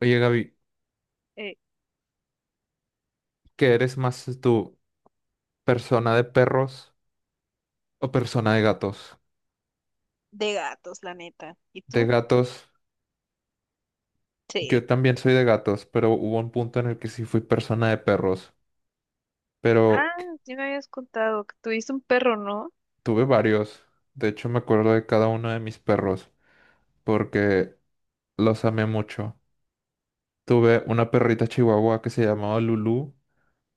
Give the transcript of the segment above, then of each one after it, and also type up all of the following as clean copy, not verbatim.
Oye, Gaby, Eh, ¿qué eres más tú, persona de perros o persona de gatos? de gatos, la neta. ¿Y De tú? gatos, Sí. yo también soy de gatos, pero hubo un punto en el que sí fui persona de perros, Ah, pero c- sí me habías contado que tuviste un perro, ¿no? tuve varios. De hecho, me acuerdo de cada uno de mis perros porque los amé mucho. Tuve una perrita chihuahua que se llamaba Lulu,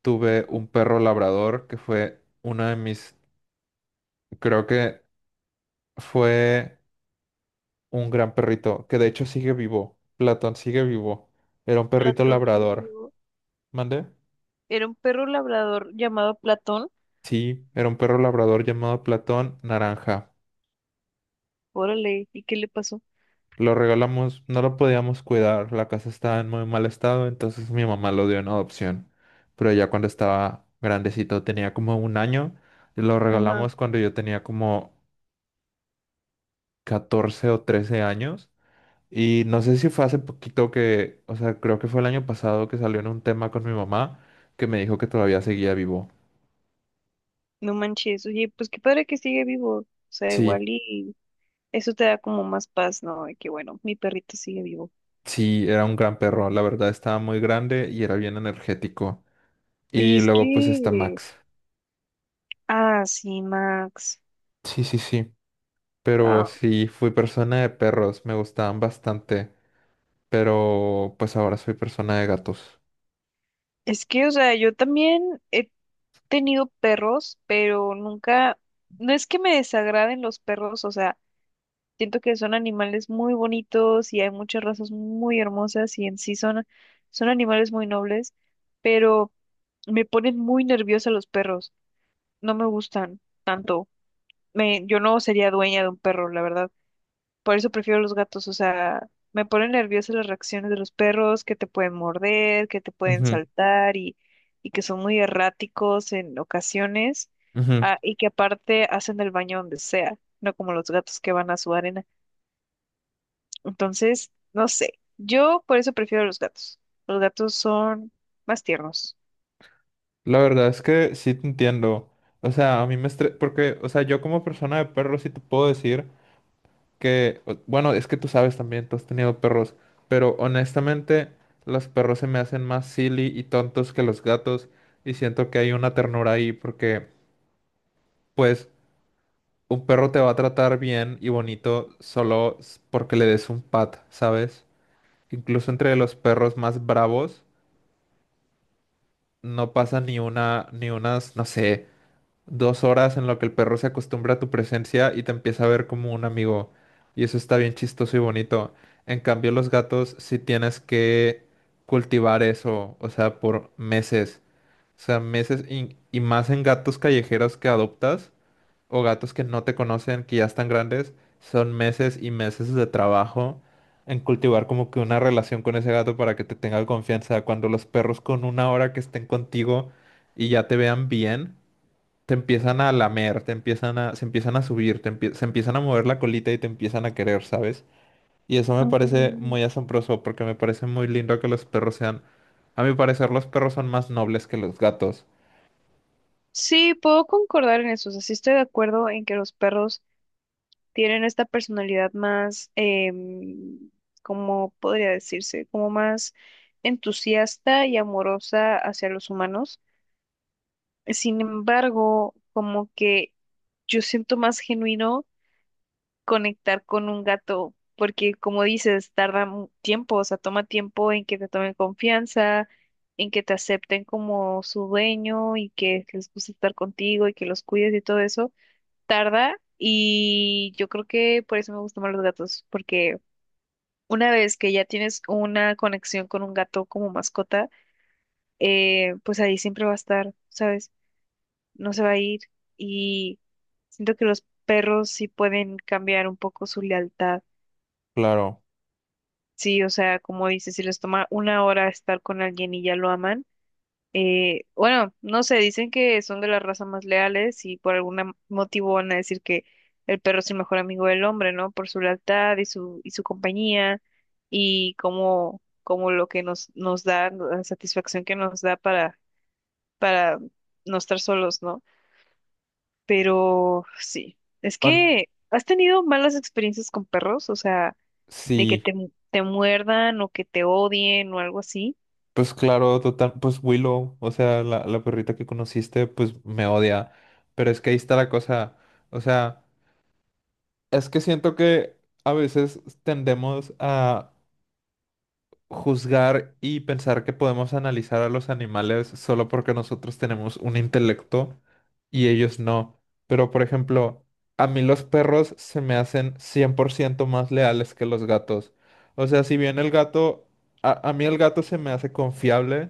tuve Ujú. un perro labrador que fue una de mis, creo que fue un gran perrito, que de hecho sigue vivo. Platón sigue vivo. Era un perrito Platón sigue labrador. vivo. ¿Mandé? Era un perro labrador llamado Platón. Sí, era un perro labrador llamado Platón Naranja. Órale, ¿y qué le pasó? Lo regalamos, no lo podíamos cuidar, la casa estaba en muy mal estado, entonces mi mamá lo dio en adopción. Pero ya cuando estaba grandecito, tenía como un año, lo Ajá. regalamos cuando yo tenía como 14 o 13 años. Y no sé si fue hace poquito que, o sea, creo que fue el año pasado que salió en un tema con mi mamá, que me dijo que todavía seguía vivo. No manches, oye, pues qué padre que sigue vivo. O sea, igual Sí, y eso te da como más paz, ¿no? De que bueno, mi perrito sigue vivo. sí, era un gran perro, la verdad estaba muy grande y era bien energético. Y Y es luego pues está que, Max. ah, sí, Max. Sí, sí, sí, pero Ah, sí, fui persona de perros, me gustaban bastante, pero pues ahora soy persona de gatos. es que, o sea, yo también he tenido perros, pero nunca, no es que me desagraden los perros, o sea, siento que son animales muy bonitos y hay muchas razas muy hermosas y en sí son, son animales muy nobles, pero me ponen muy nerviosa los perros, no me gustan tanto. Me, yo no sería dueña de un perro, la verdad. Por eso prefiero los gatos, o sea, me ponen nerviosa las reacciones de los perros, que te pueden morder, que te pueden Ujú, saltar y que son muy erráticos en ocasiones, ujú. ah, y que aparte hacen el baño donde sea, no como los gatos que van a su arena. Entonces, no sé, yo por eso prefiero los gatos. Los gatos son más tiernos. La verdad es que sí te entiendo. O sea, a mí me estre... porque, o sea, yo como persona de perro sí te puedo decir. Que, bueno, es que tú sabes también, tú has tenido perros, pero honestamente los perros se me hacen más silly y tontos que los gatos, y siento que hay una ternura ahí porque pues un perro te va a tratar bien y bonito solo porque le des un pat, ¿sabes? Incluso entre los perros más bravos no pasa ni una, ni unas, no sé. 2 horas en lo que el perro se acostumbra a tu presencia y te empieza a ver como un amigo. Y eso está bien chistoso y bonito. En cambio, los gatos sí tienes que cultivar eso, o sea, por meses. O sea, meses y más en gatos callejeros que adoptas o gatos que no te conocen, que ya están grandes, son meses y meses de trabajo en cultivar como que una relación con ese gato para que te tenga confianza. Cuando los perros con una hora que estén contigo y ya te vean bien te empiezan a lamer, se empiezan a subir, se empiezan a mover la colita y te empiezan a querer, ¿sabes? Y eso me parece Mm. muy asombroso porque me parece muy lindo que los perros sean, a mi parecer, los perros son más nobles que los gatos, Sí, puedo concordar en eso, o sea, sí estoy de acuerdo en que los perros tienen esta personalidad más, em, ¿cómo podría decirse? Como más entusiasta y amorosa hacia los humanos. Sin embargo, como que yo siento más genuino conectar con un gato, porque como dices, tiempo, o sea, toma tiempo en que te tomen confianza, en que te acepten como su dueño y que les guste estar contigo y que los cuides y todo eso tarda y yo creo que por eso me gustan más los gatos, porque una vez que ya tienes una conexión con un gato como mascota, pues ahí siempre va a estar, ¿sabes? No se va a ir y siento que los perros sí pueden cambiar un poco su lealtad. claro. Sí, o sea, como dices, si les toma una hora estar con alguien y ya lo aman. Bueno, no sé, dicen que son de las razas más leales y por algún motivo van a decir que el perro es el mejor amigo del hombre, ¿no? Por su lealtad y su compañía y como, como lo que nos, nos da, la satisfacción que nos da para no estar solos, ¿no? Pero sí, es Bueno, que has tenido malas experiencias con perros, o sea, de que sí, te muerdan o que te odien o algo así. pues claro, total, pues Willow, o sea, la perrita que conociste, pues me odia, pero es que ahí está la cosa, o sea, es que siento que a veces tendemos a juzgar y pensar que podemos analizar a los animales solo porque nosotros tenemos un intelecto y ellos no. Pero, por ejemplo, a mí los perros se me hacen 100% más leales que los gatos. O sea, si bien el gato, a mí el gato se me hace confiable,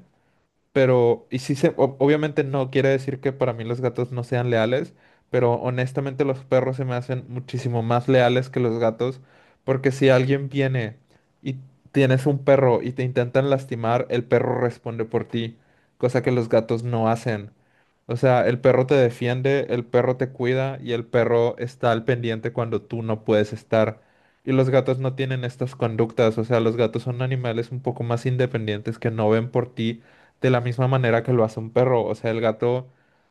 pero, y sí se, obviamente no quiere decir que para mí los gatos no sean leales, pero honestamente los perros se me hacen muchísimo más leales que los gatos, porque si alguien viene y tienes un perro y te intentan lastimar, el perro responde por ti, cosa que los gatos no hacen. O sea, el perro te defiende, el perro te cuida y el perro está al pendiente cuando tú no puedes estar. Y los gatos no tienen estas conductas, o sea, los gatos son animales un poco más independientes que no ven por ti de la misma manera que lo hace un perro. O sea, el gato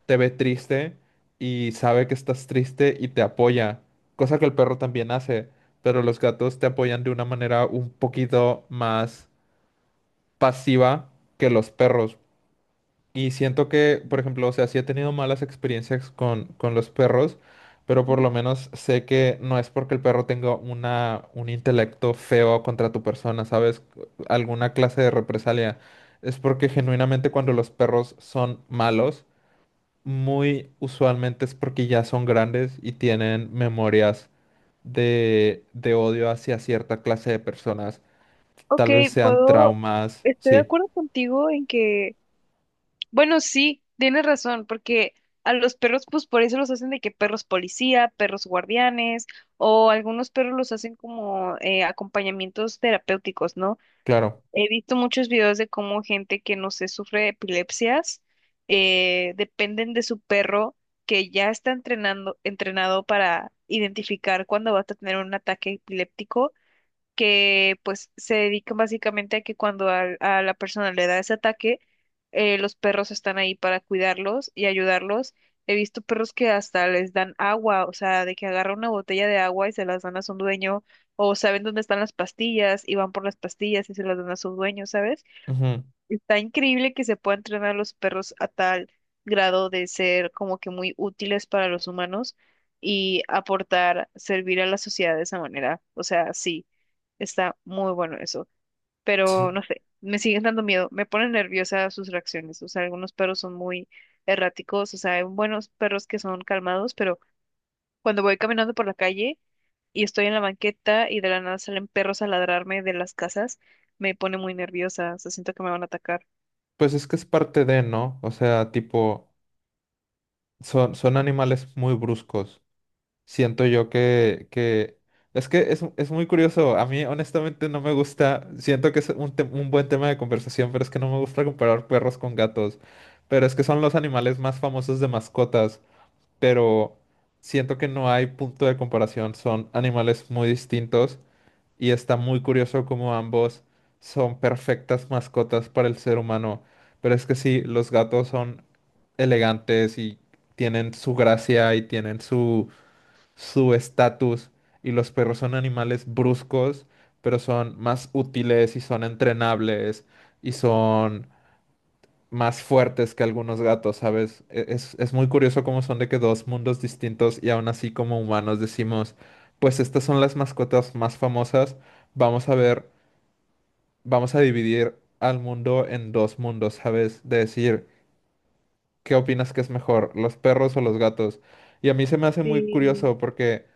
te ve triste y sabe que estás triste y te apoya, cosa que el perro también hace, pero los gatos te apoyan de una manera un poquito más pasiva que los perros. Y siento que, por ejemplo, o sea, sí he tenido malas experiencias con los perros, pero por lo menos sé que no es porque el perro tenga una, un intelecto feo contra tu persona, ¿sabes? Alguna clase de represalia. Es porque genuinamente cuando los perros son malos, muy usualmente es porque ya son grandes y tienen memorias de odio hacia cierta clase de personas. Ok, Tal vez sean puedo, traumas, estoy de sí, acuerdo contigo en que, bueno, sí, tienes razón, porque a los perros, pues por eso los hacen de que perros policía, perros guardianes, o algunos perros los hacen como acompañamientos terapéuticos, ¿no? claro. He visto muchos videos de cómo gente que, no sé, sufre de epilepsias, dependen de su perro que ya está entrenado para identificar cuando vas a tener un ataque epiléptico que pues se dedican básicamente a que cuando a, la persona le da ese ataque, los perros están ahí para cuidarlos y ayudarlos. He visto perros que hasta les dan agua, o sea, de que agarran una botella de agua y se las dan a su dueño, o saben dónde están las pastillas y van por las pastillas y se las dan a su dueño, ¿sabes? Ujú. Está increíble que se pueda entrenar a los perros a tal grado de ser como que muy útiles para los humanos y aportar, servir a la sociedad de esa manera. O sea, sí, está muy bueno eso. Pero no sé, me siguen dando miedo, me ponen nerviosa sus reacciones. O sea, algunos perros son muy erráticos, o sea, hay buenos perros que son calmados, pero cuando voy caminando por la calle y estoy en la banqueta y de la nada salen perros a ladrarme de las casas, me pone muy nerviosa, o sea, siento que me van a atacar. Pues es que es parte de, ¿no? O sea, tipo, son animales muy bruscos. Siento yo que... Es que es muy curioso. A mí, honestamente, no me gusta. Siento que es un buen tema de conversación, pero es que no me gusta comparar perros con gatos. Pero es que son los animales más famosos de mascotas. Pero siento que no hay punto de comparación. Son animales muy distintos. Y está muy curioso cómo ambos son perfectas mascotas para el ser humano. Pero es que sí, los gatos son elegantes y tienen su gracia y tienen su estatus. Y los perros son animales bruscos, pero son más útiles y son entrenables y son más fuertes que algunos gatos, ¿sabes? Es muy curioso cómo son de que dos mundos distintos y aún así como humanos decimos, pues estas son las mascotas más famosas, vamos a ver, vamos a dividir al mundo en dos mundos, ¿sabes? De decir, ¿qué opinas que es mejor, los perros o los gatos? Y a mí se me hace muy Sí, curioso porque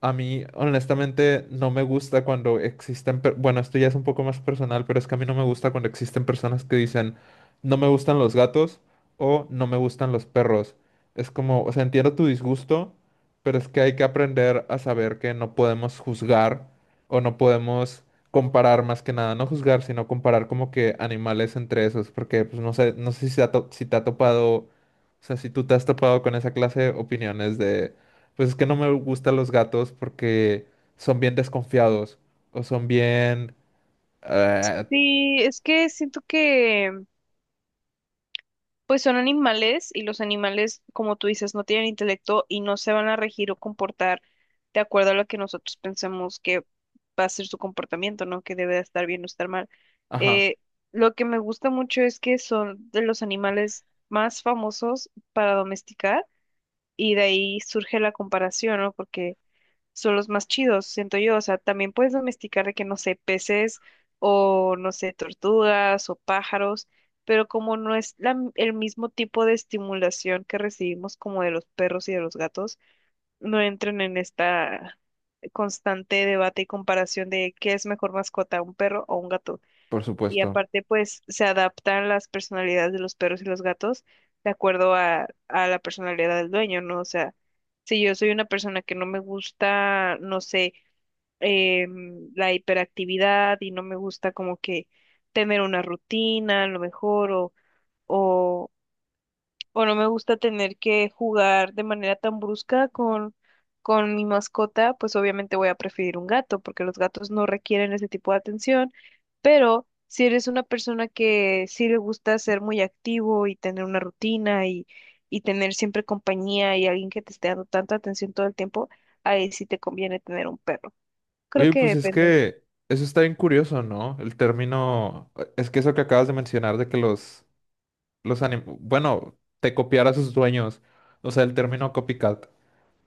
a mí, honestamente, no me gusta cuando existen, bueno, esto ya es un poco más personal, pero es que a mí no me gusta cuando existen personas que dicen, no me gustan los gatos o no me gustan los perros. Es como, o sea, entiendo tu disgusto, pero es que hay que aprender a saber que no podemos juzgar o no podemos comparar más que nada, no juzgar, sino comparar como que animales entre esos, porque pues no sé, no sé si si te ha topado, o sea, si tú te has topado con esa clase de opiniones de pues es que no me gustan los gatos porque son bien desconfiados o son bien... eh, sí, es que siento que pues son animales y los animales, como tú dices, no tienen intelecto y no se van a regir o comportar de acuerdo a lo que nosotros pensemos que va a ser su comportamiento, ¿no? Que debe de estar bien o estar mal. ajá, Eh, lo que me gusta mucho es que son de los animales más famosos para domesticar y de ahí surge la comparación, ¿no? Porque son los más chidos, siento yo. O sea, también puedes domesticar de que, no sé, peces o, no sé, tortugas o pájaros, pero como no es el mismo tipo de estimulación que recibimos como de los perros y de los gatos, no entran en esta constante debate y comparación de qué es mejor mascota, un perro o un gato. por Y supuesto. aparte, pues, se adaptan las personalidades de los perros y los gatos de acuerdo a la personalidad del dueño, ¿no? O sea, si yo soy una persona que no me gusta, no sé, la hiperactividad y no me gusta como que tener una rutina a lo mejor o, o no me gusta tener que jugar de manera tan brusca con mi mascota, pues obviamente voy a preferir un gato porque los gatos no requieren ese tipo de atención, pero si eres una persona que sí le gusta ser muy activo y tener una rutina y tener siempre compañía y alguien que te esté dando tanta atención todo el tiempo, ahí sí te conviene tener un perro. Creo Oye, que pues es depende. que eso está bien curioso, ¿no? El término... Es que eso que acabas de mencionar de que bueno, te copiar a sus dueños. O sea, el término copycat.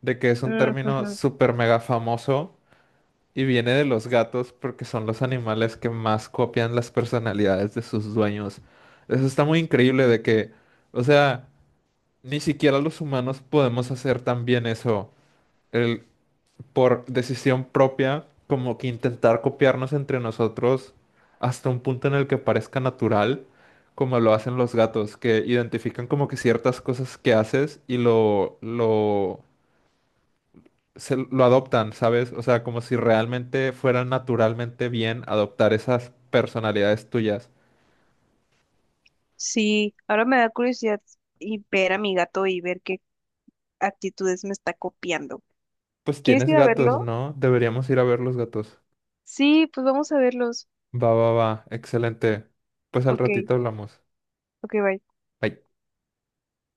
De que es un Mm, término ujú. súper mega famoso y viene de los gatos porque son los animales que más copian las personalidades de sus dueños. Eso está muy increíble de que... O sea... Ni siquiera los humanos podemos hacer también eso, el, por decisión propia, como que intentar copiarnos entre nosotros hasta un punto en el que parezca natural, como lo hacen los gatos, que identifican como que ciertas cosas que haces y lo adoptan, ¿sabes? O sea, como si realmente fueran naturalmente bien adoptar esas personalidades tuyas. Sí, ahora me da curiosidad y ver a mi gato y ver qué actitudes me está copiando. Pues ¿Quieres tienes ir a gatos, verlo? ¿no? Deberíamos ir a ver los gatos. Sí, pues vamos a verlos. Va, va, va, excelente. Pues al Ok, ratito hablamos. ok, bye. Bye.